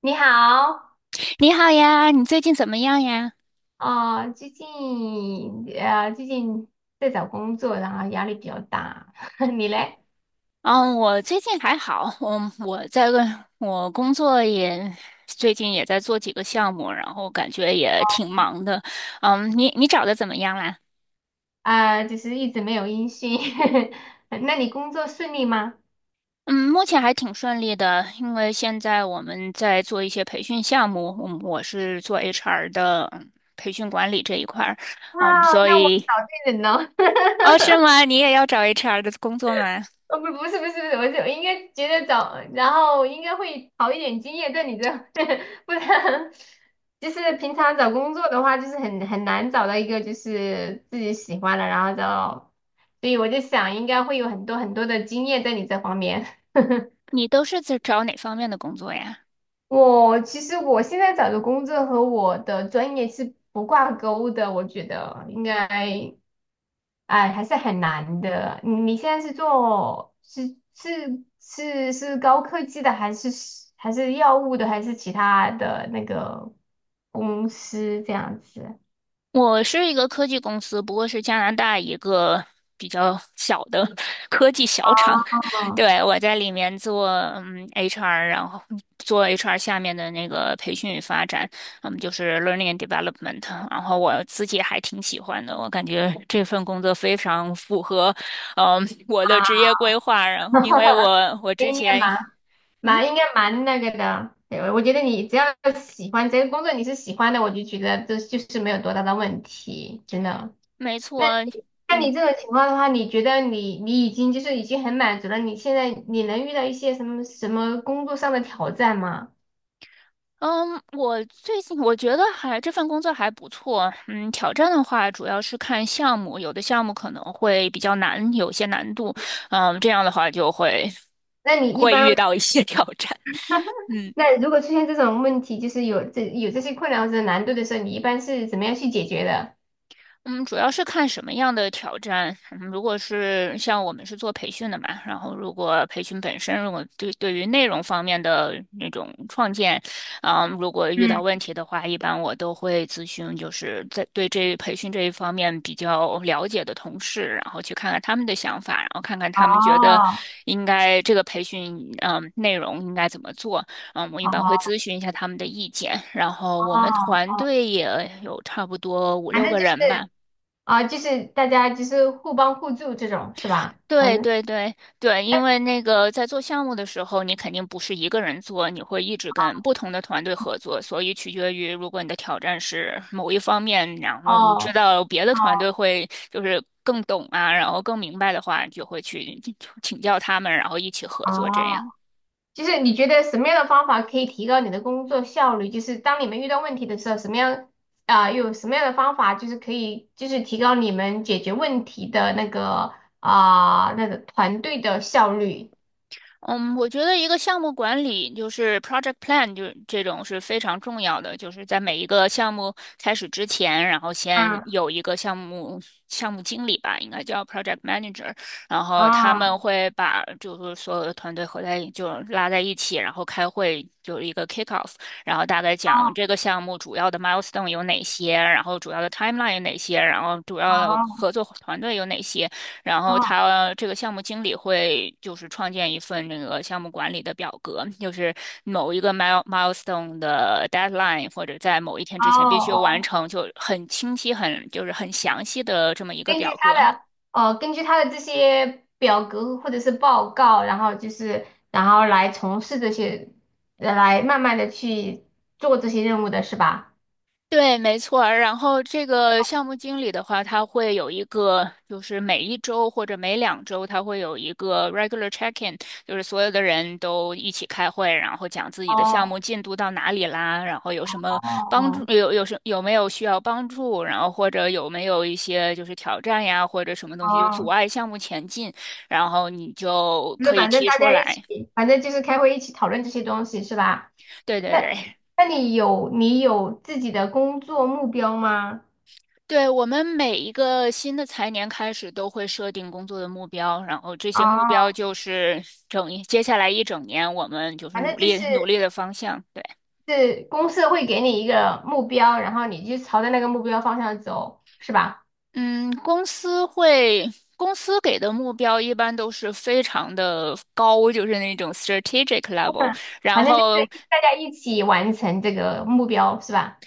你好，你好呀，你最近怎么样呀？啊、最近最近在找工作，然后压力比较大。你嘞？嗯，我最近还好，嗯，我在问，我工作也最近也在做几个项目，然后感觉也挺忙的。你找的怎么样啦？就是一直没有音讯。那你工作顺利吗？嗯，目前还挺顺利的，因为现在我们在做一些培训项目，我是做 HR 的培训管理这一块儿，哇，所那我以。找对人了。哦，是吗？你也要找 HR 的工作吗？哦，不，不是，不是，不是，我就应该觉得找，然后应该会好一点经验在你这，不然就是平常找工作的话，就是很难找到一个就是自己喜欢的，然后找，所以我就想应该会有很多很多的经验在你这方面。你都是在找哪方面的工作呀？其实我现在找的工作和我的专业是不挂钩的，我觉得应该。哎，还是很难的。你现在是做是是是是高科技的，还是药物的，还是其他的那个公司这样子？我是一个科技公司，不过是加拿大一个比较小的 科技小厂。嗯，对，我在里面做HR，然后做 HR 下面的那个培训与发展，就是 learning and development。然后我自己还挺喜欢的，我感觉这份工作非常符合我的职业规划。然后因为 我之应该前。蛮嗯应该蛮那个的。对，我觉得你只要喜欢这个工作，你是喜欢的，我就觉得这就是没有多大的问题，真的。没那错。那你嗯，这种情况的话，你觉得你已经就是已经很满足了，你现在能遇到一些什么什么工作上的挑战吗？嗯，我最近我觉得还这份工作还不错。嗯，挑战的话主要是看项目，有的项目可能会比较难，有些难度。这样的话就会那你一会般，遇到一些挑战。嗯。那如果出现这种问题，就是有这些困难或者难度的时候，你一般是怎么样去解决的？嗯，主要是看什么样的挑战。嗯如果是像我们是做培训的嘛，然后如果培训本身，如果对于内容方面的那种创建，啊，如果遇到问题的话，一般我都会咨询，就是在对这培训这一方面比较了解的同事，然后去看看他们的想法，然后看看他们哦觉得应该这个培训，内容应该怎么做。我一般会哦咨询一下他们的意见。然后我们团哦，队也有差不多五反六正个就人吧。是大家就是互帮互助这种是吧？反对正对对对，因为那个在做项目的时候，你肯定不是一个人做，你会一直跟不同的团队合作，所以取决于如果你的挑战是某一方面，然后你知哦。道别的哦。团队会就是更懂啊，然后更明白的话，你就会去请教他们，然后一起合作这样。哦。就是你觉得什么样的方法可以提高你的工作效率？就是当你们遇到问题的时候，什么样啊、有什么样的方法就是可以就是提高你们解决问题的那个那个团队的效率？嗯，我觉得一个项目管理就是 project plan，就是这种是非常重要的，就是在每一个项目开始之前，然后先嗯有一个项目经理吧，应该叫 project manager，然后他们嗯会把就是所有的团队合在一就拉在一起，然后开会，就是一个 kick off，然后大概讲哦这个项目主要的 milestone 有哪些，然后主要的 timeline 有哪些，然后主要的哦合作团队有哪些。然后哦他这个项目经理会就是创建一份那个项目管理的表格，就是某一个 milestone 的 deadline 或者在某一天之前必须完哦，成，就很清晰、很就是很详细的这么一个根表据格。他的根据他的这些表格或者是报告，然后来从事这些，来慢慢的去做这些任务的是吧？对，没错儿。然后这个项目经理的话，他会有一个，就是每一周或者每两周，他会有一个 regular check-in，就是所有的人都一起开会，然后讲自己的项哦目进度到哪里啦，然后有什么帮助，哦有没有需要帮助，然后或者有没有一些就是挑战呀，或者什么东西就阻哦，碍项目前进，然后你就就是可以反正提大出家一来。起，反正就是开会一起讨论这些东西是吧？对对那对。那你有自己的工作目标吗？对，我们每一个新的财年开始都会设定工作的目标，然后这些目标哦，就是接下来一整年我们就是反正努就力是努力的方向。对，是公司会给你一个目标，然后你就朝着那个目标方向走，是吧？嗯，公司会，公司给的目标一般都是非常的高，就是那种 strategic level。嗯然反正就是后大家一起完成这个目标，是吧？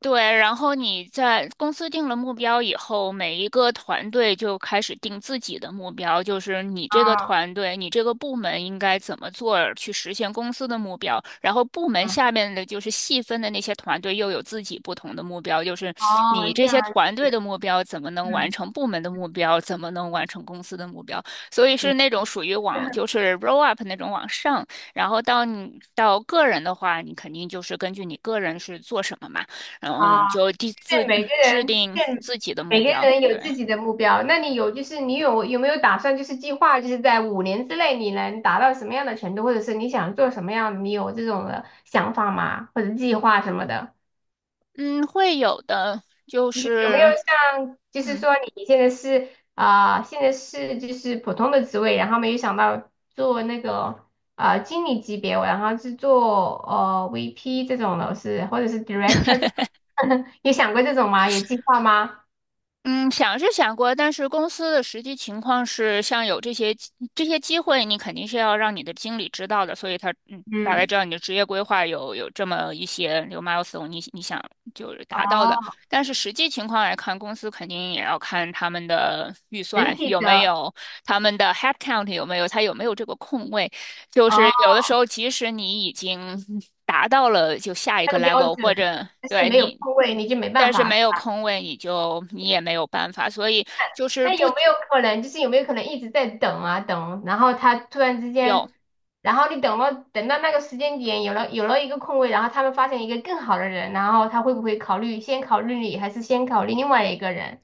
对，然后你在公司定了目标以后，每一个团队就开始定自己的目标，就是你这个啊，团队、你这个部门应该怎么做儿去实现公司的目标。然后部门嗯，下面的就是细分的那些团队又有自己不同的目标，就是哦，你这这样，些团队的目标怎么能完嗯，成部门的目标，怎么能完成公司的目标。所以对，是那种属于往就是 roll up 那种往上，然后到你到个人的话，你肯定就是根据你个人是做什么嘛。然后你啊。就对，每个制人，定对，自己的目每个标。人有对，自己的目标。那你有没有打算，就是计划，就是在5年之内你能达到什么样的程度，或者是你想做什么样的，你有这种的想法吗？或者计划什么的？嗯，会有的，就就是有没有是。像，就是嗯。说你现在是啊、现在是就是普通的职位，然后没有想到做那个经理级别，然后是做VP 这种的，或者是 director 这种，有想过这种吗？有计划吗？嗯，想是想过，但是公司的实际情况是，像有这些机会，你肯定是要让你的经理知道的，所以他大概嗯。知道你的职业规划有这么一些有 milestone，你想就是达到的。哦，但是实际情况来看，公司肯定也要看他们的预整算体有没的有，他们的 headcount 有没有，他有没有这个空位。就哦，是有的时候，即使你已经达到了就下一那个 个标准 level，或者就是对没有你。空位，你就没但办是法。没有空位，你也没有办法，所以就是那不有没有可能，就是有没有可能一直在等啊等，然后他突然之有间，然后你等了等到那个时间点，有了一个空位，然后他们发现一个更好的人，然后他会不会先考虑你，还是先考虑另外一个人？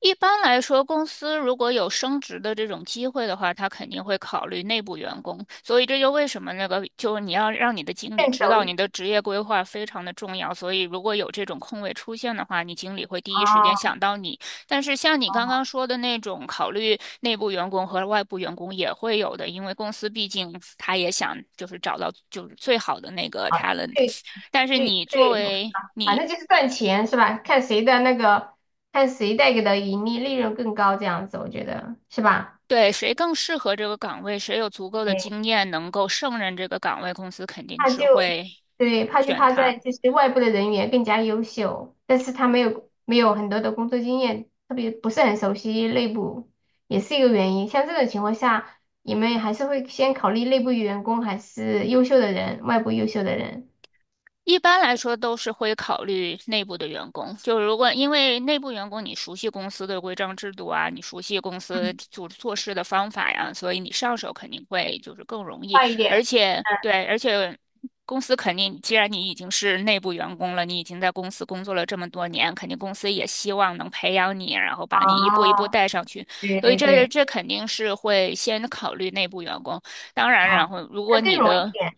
一般来说，公司如果有升职的这种机会的话，他肯定会考虑内部员工。所以这就为什么那个，就是你要让你的经理更知熟道你悉的职业规划非常的重要。所以如果有这种空位出现的话，你经理会第一时间哦，想到你。但是像你刚刚说的那种考虑内部员工和外部员工也会有的，因为公司毕竟他也想就是找到就是最好的那个 好，talent。对但是对你作对，为反你正就是赚钱是吧？看谁带给的盈利利润更高，这样子我觉得是吧？对，谁更适合这个岗位，谁有足够的经验能够胜任这个岗位，公司肯定怕是就会对，怕就选怕他。在就是外部的人员更加优秀，但是他没有很多的工作经验，特别不是很熟悉内部，也是一个原因。像这种情况下，你们还是会先考虑内部员工还是优秀的人，外部优秀的人。一般来说都是会考虑内部的员工，就如果因为内部员工你熟悉公司的规章制度啊，你熟悉公司嗯，做事的方法呀，所以你上手肯定会就是更容易，快一而点。且嗯，对，而且公司肯定，既然你已经是内部员工了，你已经在公司工作了这么多年，肯定公司也希望能培养你，然后把你一步一步哦，带上去，对所以对这对，这肯定是会先考虑内部员工。当然，啊、然后如那果更你容易一的点，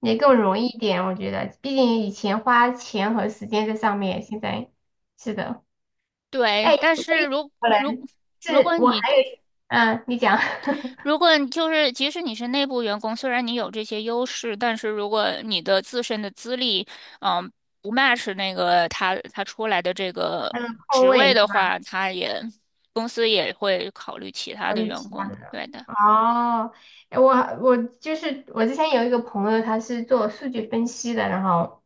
也更容易一点，我觉得，毕竟以前花钱和时间在上面，现在是的。对，哎，但是如可如能如是果我还你有，你讲，如果你就是即使你是内部员工，虽然你有这些优势，但是如果你的自身的资历，嗯，不 match 那个他出来的这个嗯，空职位位的是吧？话，公司也会考虑其他还的有员其他工。的人对的。哦，我我就是我之前有一个朋友，他是做数据分析的，然后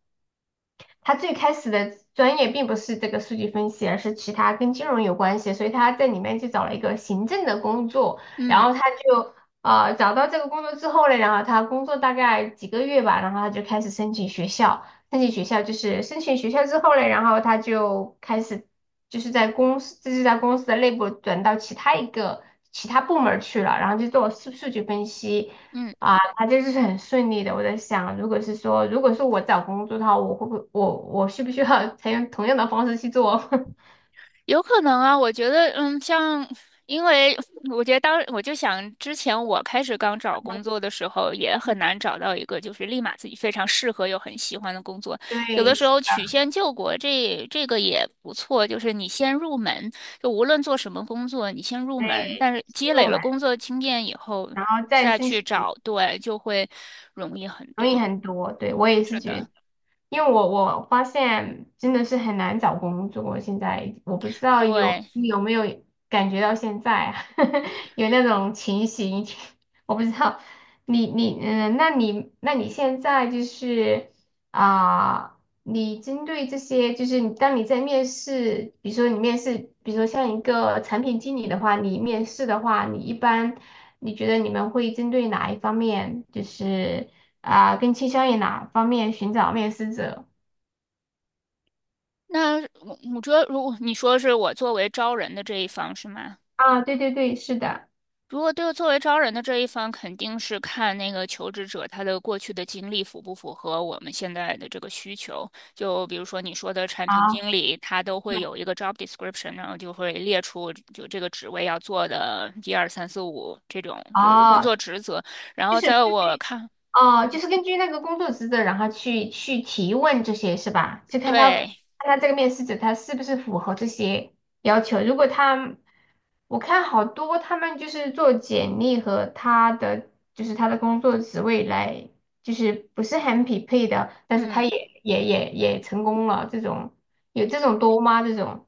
他最开始的专业并不是这个数据分析，而是其他跟金融有关系，所以他在里面就找了一个行政的工作，然嗯后他就找到这个工作之后呢，然后他工作大概几个月吧，然后他就开始申请学校，申请学校之后呢，然后他就开始在公司的内部转到其他部门儿去了，然后就做数据分析。嗯。啊，啊，就是很顺利的。我在想，如果是说，如果是我找工作的话，我需不需要 采用同样的方式去做？有可能啊，我觉得，因为我觉得我就想之前我开始刚找工作的时候，也很难找到一个就是立马自己非常适合又很喜欢的工作。有的对，时候曲线救国这个也不错，就是你先入门，就无论做什么工作，你先入门，对，但是积先入累了门，工作经验以后，然后再再申去请。找，对，就会容易很容易多。很多。对，我也是是觉得，的，因为我发现真的是很难找工作，现在我不知道有对。你有没有感觉到现在啊 有那种情形，我不知道你那你现在就是啊。你针对这些，就是当你在面试，比如说像一个产品经理的话，你面试的话，你一般你觉得你们会针对哪一方面？就是更倾向于哪方面寻找面试者？那我觉得，如果你说是我作为招人的这一方是吗？啊，对对对，是的，如果对作为招人的这一方，肯定是看那个求职者他的过去的经历符不符合我们现在的这个需求。就比如说你说的产品啊，经理，他都会有一个 job description，然后就会列出就这个职位要做的一二三四五这种就是工哦，作职责。然就后是在我看，哦，嗯就是根据那个工作职责，然后去提问这些是吧？就看他看对，他这个面试者他是不是符合这些要求。如果他，我看好多他们就是做简历和他的工作职位来，就是不是很匹配的，但是他嗯。也也也也成功了，这种有这种多吗？这种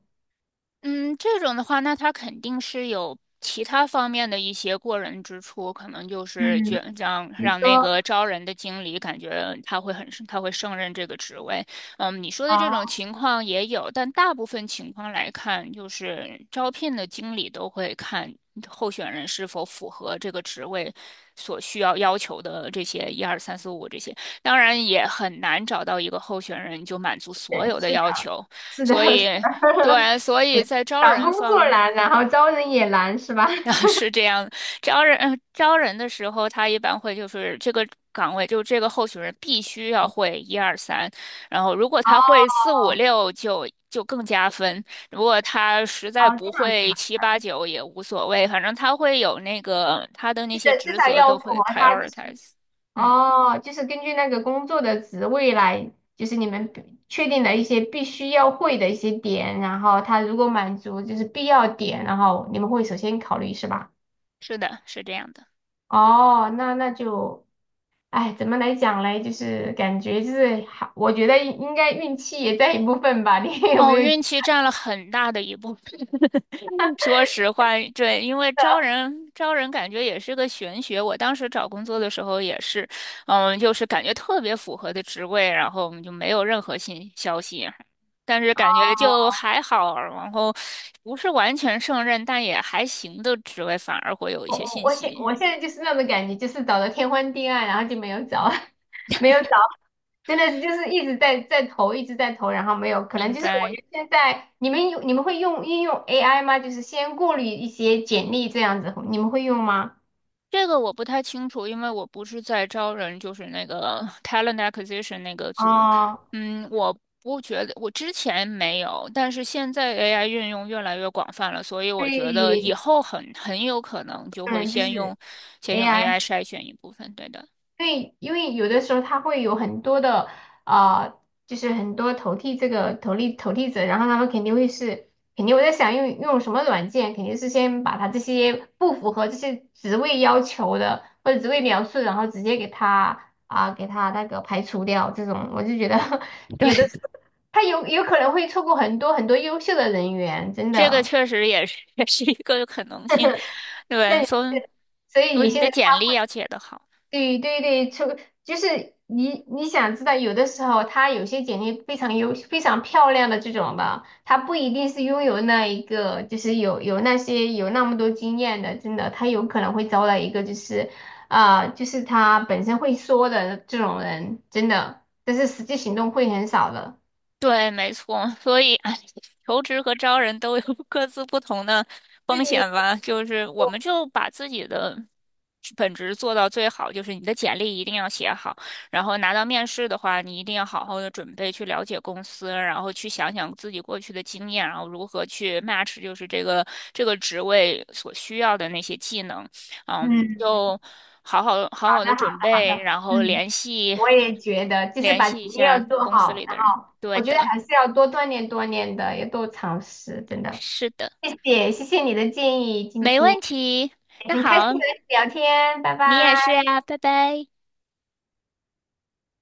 嗯，这种的话，那他肯定是有其他方面的一些过人之处，可能就是嗯。觉让比如让那个说。招人的经理感觉他会胜任这个职位。你说的这种哦，情况也有，但大部分情况来看，就是招聘的经理都会看候选人是否符合这个职位所需要要求的这些一二三四五这些。当然，也很难找到一个候选人就满足所对，有的是的，要求。是所的，是以的 对。所以在招找人工作方 难，然后招人也难，是吧？啊，是这样的。招人的时候，他一般会就是这个岗位，就这个候选人必须要会一二三，然后如果哦，他会四五六就更加分，如果他实哦，在不这样子会啦，七八九也无所谓，反正他会有那个他的那就些是至职少责要都符会 合他，prioritize。嗯，就是根据那个工作的职位来，就是你们比确定的一些必须要会的一些点，然后他如果满足就是必要点，然后你们会首先考虑，是吧？是的，是这样的。哦，那那就，哎，怎么来讲嘞？就是感觉就是，还我觉得应该运气也在一部分吧。你 有没哦，有？运气占了很大的一部分。说实话，对，因为招人感觉也是个玄学。我当时找工作的时候也是，就是感觉特别符合的职位，然后我们就没有任何新消息，但是感觉就还好，然后不是完全胜任，但也还行的职位，反而会有一我些我信我现息。我现在就是那种感觉，就是找的天昏地暗，然后就没有找，没有找，真的是就是一直在投，一直在投，然后没有，可能明就是我白。觉得现在你们会运用 AI 吗？就是先过滤一些简历这样子，你们会用吗？这个我不太清楚，因为我不是在招人，就是那个 talent acquisition 那个组。哦，我不觉得，我之前没有，但是现在 AI 运用越来越广泛了，所以我觉得以对，后很有可能就可会能就是 先用 AI。AI 筛选一部分。对的，对，因为有的时候他会有很多的啊、呃就是很多投递这个投递者，然后他们肯定肯定我在想用什么软件，肯定是先把他这些不符合这些职位要求的或者职位描述，然后直接给他那个排除掉。这种我就觉得 对，有的时 候他有可能会错过很多很多优秀的人员，真这个的。确实也是一个可能性。对，但所以所以有你些的人。简历要写得好。对对对，就是你想知道，有的时候他有些简历非常漂亮的这种的，他不一定是拥有那一个，就是有那些有那么多经验的，真的，他有可能会招来一个就是他本身会说的这种人，真的，但是实际行动会很少的。对，没错，所以哎，求职和招人都有 各自不同的风险对，吧。就是我们就把自己的本职做到最好，就是你的简历一定要写好，然后拿到面试的话，你一定要好好的准备，去了解公司，然后去想想自己过去的经验，然后如何去 match 就是这个职位所需要的那些技能。嗯，嗯，就好好好的的，好准的，备，好的，然后嗯。我也觉得，就是联把系一前面要下做公司好，里的然人。后对我觉得的。还是要多锻炼锻炼的，要多尝试，真的。是的，谢谢，谢谢你的建议，今没天问题。那很开心和好，你聊天，拜你也拜。是啊，拜拜。